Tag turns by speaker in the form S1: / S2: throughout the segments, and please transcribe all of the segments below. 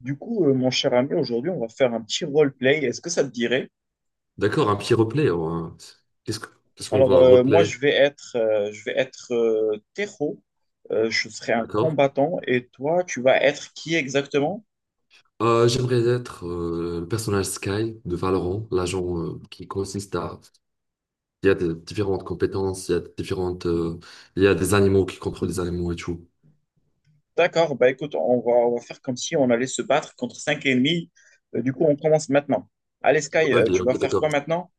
S1: Mon cher ami, aujourd'hui, on va faire un petit roleplay. Est-ce que ça te dirait?
S2: D'accord, un petit replay, hein. Qu'est-ce que- qu'est-ce qu'on voit en
S1: Moi,
S2: replay?
S1: je vais être, Tejo. Je serai un
S2: D'accord.
S1: combattant. Et toi, tu vas être qui exactement?
S2: J'aimerais être le personnage Sky de Valorant, l'agent qui consiste à... Il y a des différentes compétences, il y a des différentes... il y a des animaux qui contrôlent les animaux et tout.
S1: D'accord. Bah, écoute, on va faire comme si on allait se battre contre cinq ennemis. Du coup, on commence maintenant. Allez, Sky,
S2: Ouais,
S1: tu vas
S2: ok,
S1: faire
S2: d'accord.
S1: quoi maintenant?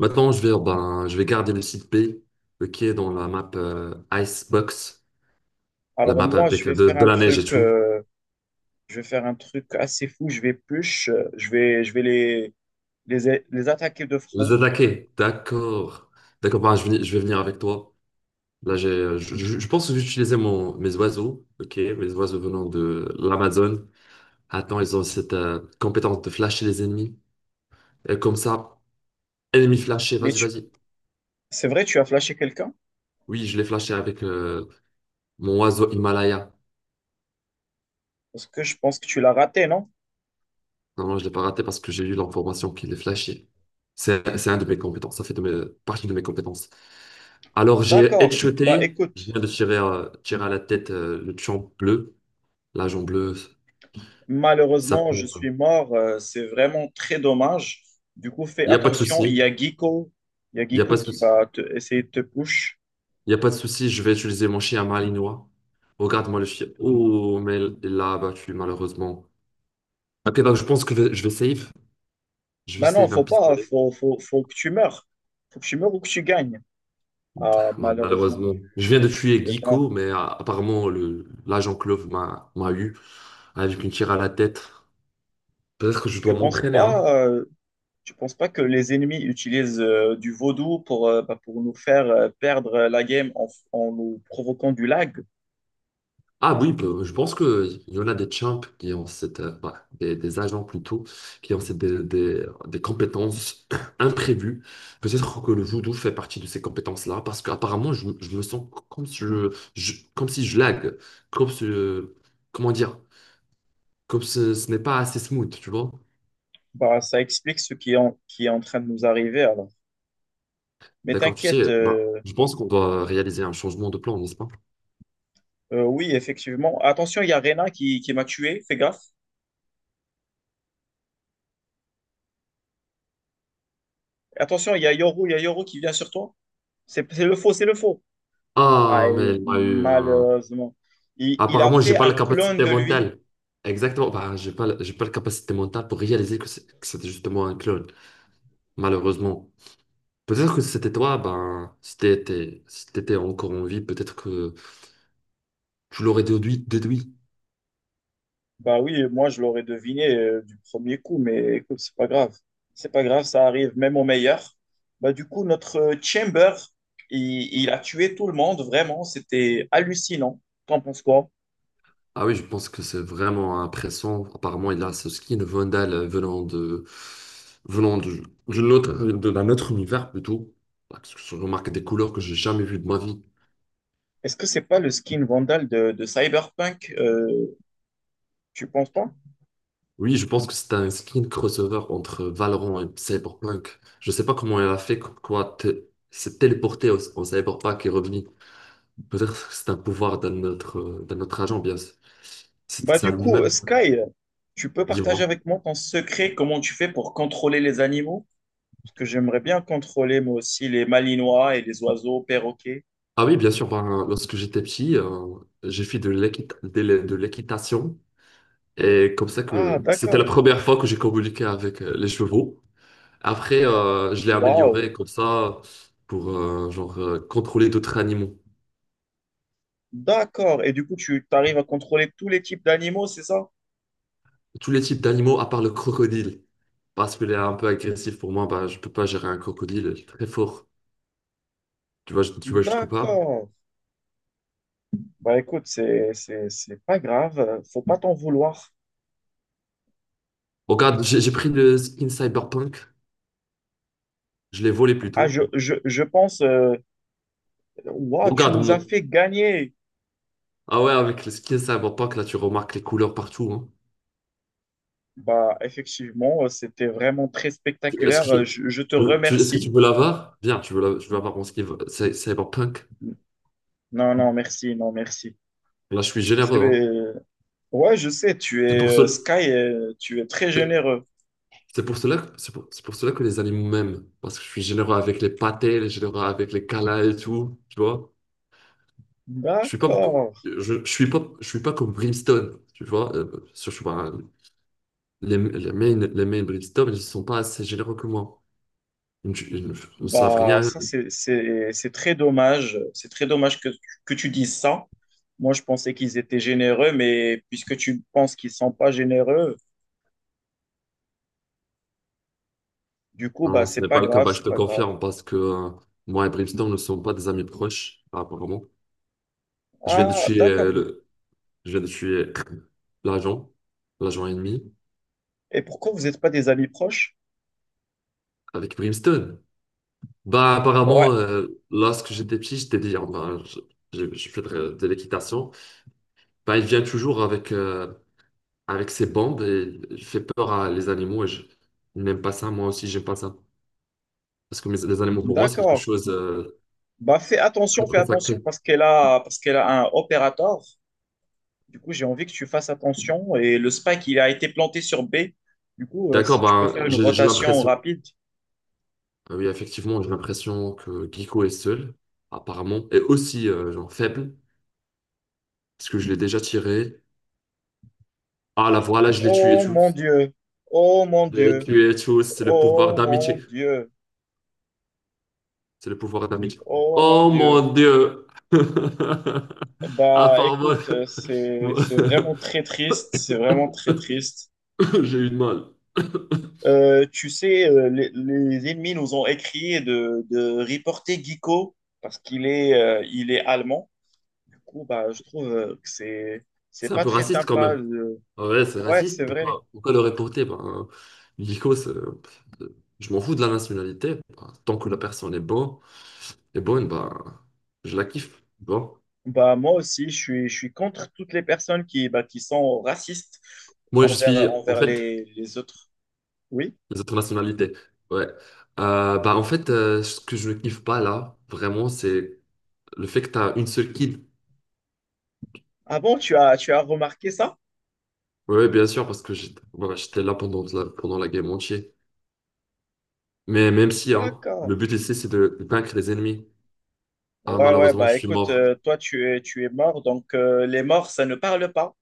S2: Maintenant, je vais, ben, je vais garder le site B qui est dans la map Icebox, la
S1: Alors,
S2: map
S1: moi,
S2: avec euh, de, de la neige et tout.
S1: je vais faire un truc assez fou. Je vais push. Je vais les attaquer de
S2: Les
S1: front.
S2: attaquer, d'accord. D'accord, ben, je vais venir avec toi. Là, je pense que j'utilisais mes oiseaux, ok, mes oiseaux venant de l'Amazone. Attends, ils ont cette compétence de flasher les ennemis. Et comme ça, ennemi flashé,
S1: Mais
S2: vas-y,
S1: tu,
S2: vas-y.
S1: c'est vrai, tu as flashé quelqu'un?
S2: Oui, je l'ai flashé avec mon oiseau Himalaya.
S1: Parce que je pense que tu l'as raté, non?
S2: Non, non, je l'ai pas raté parce que j'ai eu l'information qu'il est flashé. C'est un de mes compétences, ça fait partie de mes compétences. Alors, j'ai
S1: D'accord. Bah
S2: headshoté, je
S1: écoute,
S2: viens de tirer, tirer à la tête le pion bleu, l'agent bleu, ça
S1: malheureusement, je
S2: pour.
S1: suis mort. C'est vraiment très dommage. Du coup, fais
S2: Il n'y a pas de
S1: attention. Il y
S2: souci,
S1: a Guico. Il y a
S2: il n'y a pas
S1: Guico
S2: de
S1: qui
S2: souci.
S1: va te- essayer de te push.
S2: Il n'y a pas de souci, je vais utiliser mon chien malinois. Regarde-moi le chien. Oh, mais il l'a abattu, malheureusement. Ok, donc je pense que je vais save. Je vais
S1: Bah non,
S2: save un
S1: faut pas.
S2: pistolet.
S1: Faut que tu meurs. Faut que tu meurs ou que tu gagnes. Ah,
S2: Bah,
S1: malheureusement,
S2: malheureusement. Je viens de tuer
S1: tu es mort.
S2: Guico, mais apparemment, l'agent Clove m'a eu avec une tire à la tête. Peut-être que je dois
S1: Tu penses
S2: m'entraîner, hein.
S1: pas, euh, Tu penses pas que les ennemis utilisent du vaudou pour, pour nous faire perdre la game en nous provoquant du lag?
S2: Ah oui, je pense qu'il y en a des champs qui ont cette, bah, des agents plutôt, qui ont des compétences imprévues. Peut-être que le judo fait partie de ces compétences-là, parce qu'apparemment, je me sens comme si comme si je lag, comme si, comment dire, comme ce n'est pas assez smooth, tu vois.
S1: Bah, ça explique ce qui est qui est en train de nous arriver alors. Mais
S2: D'accord, tu
S1: t'inquiète,
S2: sais, bah, je pense qu'on doit réaliser un changement de plan, n'est-ce pas?
S1: oui, effectivement. Attention, il y a Rena qui m'a tué, fais gaffe. Attention, il y a Yoru, il y a Yoru qui vient sur toi. C'est le faux, c'est le faux. Ah,
S2: Ah,
S1: et
S2: mais il m'a eu un.
S1: malheureusement. Il a
S2: Apparemment, j'ai
S1: fait
S2: pas
S1: un
S2: la
S1: clone
S2: capacité
S1: de lui.
S2: mentale. Exactement. Bah, j'ai pas la capacité mentale pour réaliser que c'était justement un clone, malheureusement. Peut-être que si c'était toi, ben, si t'étais encore en vie, peut-être que tu l'aurais déduit.
S1: Bah oui, moi je l'aurais deviné du premier coup, mais écoute, c'est pas grave. C'est pas grave, ça arrive même au meilleur. Bah du coup, notre Chamber, il a tué tout le monde, vraiment, c'était hallucinant. T'en penses quoi?
S2: Ah oui, je pense que c'est vraiment impressionnant. Apparemment, il a ce skin Vandal venant de, d'une d'un autre univers plutôt. Parce que je remarque des couleurs que j'ai jamais vues de ma vie.
S1: Est-ce que c'est pas le skin Vandal de Cyberpunk? Tu penses pas?
S2: Oui, je pense que c'est un skin crossover entre Valorant et Cyberpunk. Je sais pas comment elle a fait, s'est téléportée en Cyberpunk et revenue. Peut-être que c'est un pouvoir d'un autre agent, bien sûr. C'était
S1: Bah
S2: ça
S1: du coup,
S2: lui-même,
S1: Sky, tu peux partager
S2: dis-moi.
S1: avec moi ton secret, comment tu fais pour contrôler les animaux? Parce que j'aimerais bien contrôler moi aussi les malinois et les oiseaux, perroquets.
S2: Ah oui, bien sûr, ben, lorsque j'étais petit, j'ai fait de l'équitation. Et comme ça
S1: Ah
S2: que c'était la
S1: d'accord.
S2: première fois que j'ai communiqué avec les chevaux. Après, je l'ai
S1: Waouh.
S2: amélioré comme ça pour genre, contrôler d'autres animaux.
S1: D'accord. Et du coup, tu arrives à contrôler tous les types d'animaux, c'est ça?
S2: Tous les types d'animaux à part le crocodile. Parce qu'il est un peu agressif pour moi, bah, je peux pas gérer un crocodile très fort. Tu vois jusqu'où pas.
S1: D'accord. Bah écoute, c'est pas grave, faut pas t'en vouloir.
S2: Regarde, j'ai pris le skin cyberpunk, je l'ai volé
S1: Ah
S2: plutôt.
S1: je pense waouh, tu
S2: Regarde
S1: nous as
S2: mon.
S1: fait gagner.
S2: Ah ouais, avec le skin cyberpunk, là, tu remarques les couleurs partout, hein.
S1: Bah, effectivement, c'était vraiment très
S2: Tu- Est-ce que,
S1: spectaculaire. Je te
S2: Est-ce que tu
S1: remercie.
S2: veux l'avoir? Viens, je veux avoir mon skin cyberpunk.
S1: Non, non, merci, non, merci.
S2: Là, je suis
S1: C'est,
S2: généreux, hein.
S1: euh, ouais, je sais, tu
S2: C'est pour
S1: es
S2: cela,
S1: Sky, tu es très
S2: c'est
S1: généreux.
S2: c'est pour cela, c'est pour cela que les animaux m'aiment. Parce que je suis généreux avec les pâtés, généreux avec les câlins et tout. Tu vois? Je suis pas,
S1: D'accord.
S2: je suis pas, je suis pas comme Brimstone, tu vois. Je sais pas, les mains Brimstone, ils sont pas assez généreux que moi. Ils ne savent
S1: Bah,
S2: rien.
S1: ça, c'est très dommage. C'est très dommage que tu dises ça. Moi, je pensais qu'ils étaient généreux, mais puisque tu penses qu'ils sont pas généreux, du coup,
S2: Non,
S1: bah,
S2: non, ce
S1: c'est
S2: n'est
S1: pas
S2: pas le cas.
S1: grave,
S2: Bah, je
S1: c'est
S2: te
S1: pas grave.
S2: confirme parce que moi et Brimstone ne sont pas des amis proches, apparemment. Je viens de
S1: Ah,
S2: tuer
S1: d'accord. Oui.
S2: je viens de tuer l'agent, l'agent ennemi
S1: Et pourquoi vous n'êtes pas des amis proches?
S2: avec Brimstone. Bah, apparemment,
S1: Ouais,
S2: lorsque j'étais petit, j'étais dit, ah, bah, je fais de l'équitation. Bah, il vient toujours avec, avec ses bombes, et il fait peur à les animaux et je n'aime pas ça. Moi aussi, j'aime pas ça. Parce que les animaux, pour moi, c'est quelque
S1: d'accord.
S2: chose de
S1: Bah,
S2: très,
S1: fais
S2: très
S1: attention
S2: sacré.
S1: parce parce qu'elle a un opérateur. Du coup, j'ai envie que tu fasses attention. Et le spike, il a été planté sur B. Du coup,
S2: D'accord,
S1: si tu peux faire
S2: ben,
S1: une
S2: j'ai
S1: rotation
S2: l'impression.
S1: rapide.
S2: Ah oui, effectivement, j'ai l'impression que Giko est seul, apparemment, et aussi genre faible, parce que je l'ai déjà tiré. Ah là, voilà, je l'ai tué
S1: Oh mon
S2: tous.
S1: Dieu, oh mon
S2: Je l'ai
S1: Dieu,
S2: tué tous, c'est le pouvoir
S1: oh mon
S2: d'amitié.
S1: Dieu,
S2: C'est le pouvoir d'amitié.
S1: oh mon
S2: Oh
S1: Dieu.
S2: mon Dieu!
S1: Bah,
S2: Apparemment,
S1: écoute, c'est vraiment très triste, c'est vraiment très triste.
S2: j'ai eu de mal.
S1: Tu sais, les ennemis nous ont écrit de reporter Guico parce qu'il est, il est allemand. Du coup, bah, je trouve que c'est
S2: C'est un
S1: pas
S2: peu
S1: très
S2: raciste quand
S1: sympa.
S2: même.
S1: Le-
S2: Ouais, c'est
S1: Ouais, c'est
S2: raciste.
S1: vrai.
S2: Pourquoi le reporter? Nico, c'est- je m'en fous de la nationalité. Ben, tant que la personne est bonne, ben, je la kiffe. Bon.
S1: Bah, moi aussi, je suis contre toutes les personnes qui, bah, qui sont racistes
S2: Moi, je
S1: envers,
S2: suis, en
S1: envers
S2: fait,
S1: les autres. Oui.
S2: Les autres nationalités. Ouais. En fait, ce que je ne kiffe pas là, vraiment, c'est le fait que tu as une seule kid.
S1: Ah bon, tu as remarqué ça?
S2: Ouais, ouais, bien sûr, parce que j'étais là pendant pendant la game entière. Mais même si, hein,
S1: D'accord.
S2: le but ici, c'est de vaincre les ennemis. Ah,
S1: Ouais, ouais,
S2: malheureusement, je
S1: bah
S2: suis
S1: écoute,
S2: mort.
S1: toi, tu es mort, donc les morts, ça ne parle pas,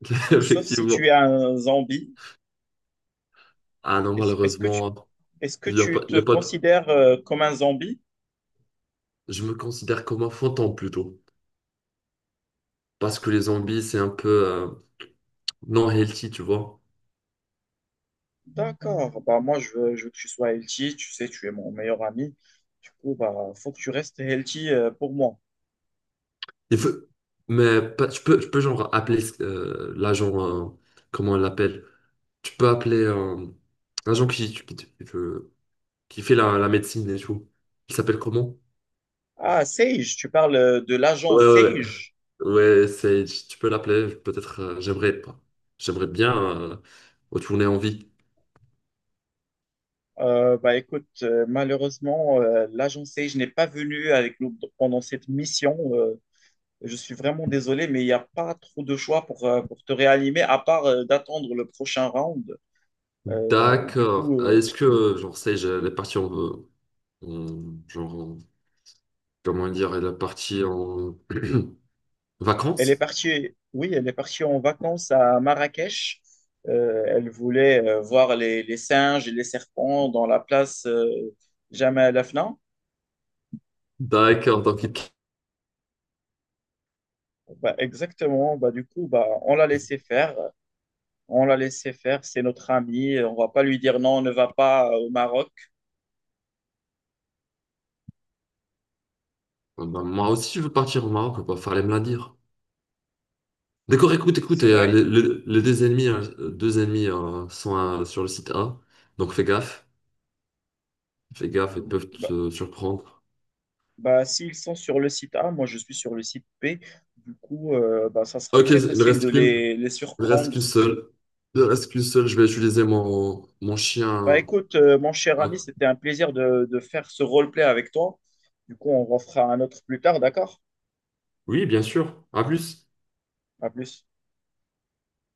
S1: sauf si tu
S2: Effectivement.
S1: es un zombie.
S2: Ah non,
S1: Est-ce, est-ce que tu,
S2: malheureusement.
S1: est-ce que
S2: Il y a pas,
S1: tu
S2: il
S1: te
S2: y a pas de-
S1: considères comme un zombie?
S2: Je me considère comme un fantôme plutôt. Parce que les zombies, c'est un peu non healthy, tu vois.
S1: D'accord. Bah, moi, je veux que tu sois healthy. Tu sais, tu es mon meilleur ami. Du coup, bah, faut que tu restes healthy pour moi.
S2: Il faut... Mais tu peux genre appeler comment on l'appelle? Tu peux appeler l'agent qui fait la médecine et tout. Il s'appelle comment?
S1: Ah, Sage, tu parles de
S2: Ouais,
S1: l'agent
S2: ouais, ouais,
S1: Sage.
S2: ouais, c'est, tu peux l'appeler, peut-être, j'aimerais pas. J'aimerais bien euh, retourner en vie.
S1: Écoute, malheureusement, l'agent Sage n'est pas venu avec nous pendant cette mission. Je suis vraiment désolé, mais il n'y a pas trop de choix pour te réanimer, à part d'attendre le prochain round. Euh, du
S2: D'accord.
S1: coup,
S2: Ah,
S1: euh,
S2: est-ce que, genre, sais-je, les parties genre, comment dire, elle est partie en
S1: Elle est
S2: vacances.
S1: partie, oui, elle est partie en vacances à Marrakech. Elle voulait voir les singes et les serpents dans la place Jemaa el Afna.
S2: D'accord, donc il-
S1: Bah, exactement. Bah, du coup, bah, on l'a laissé faire. On l'a laissé faire. C'est notre ami. On va pas lui dire non, on ne va pas au Maroc.
S2: Ah bah, moi aussi je veux partir au Maroc, bah, fallait me la dire. D'accord, écoute, écoute,
S1: C'est
S2: et,
S1: vrai.
S2: les deux ennemis sont sur le site A, donc fais gaffe, ils peuvent
S1: Bah,
S2: te surprendre.
S1: Bah, s'ils sont sur le site A, moi je suis sur le site B. Du coup, ça sera
S2: Ok,
S1: très
S2: il
S1: facile de
S2: reste qu'une,
S1: les
S2: il reste
S1: surprendre.
S2: qu'une seule, il reste qu'une seule, je vais utiliser mon
S1: Bah
S2: chien.
S1: écoute, mon cher
S2: Ouais.
S1: ami, c'était un plaisir de faire ce roleplay avec toi. Du coup, on refera un autre plus tard, d'accord?
S2: Oui, bien sûr, à plus.
S1: À plus.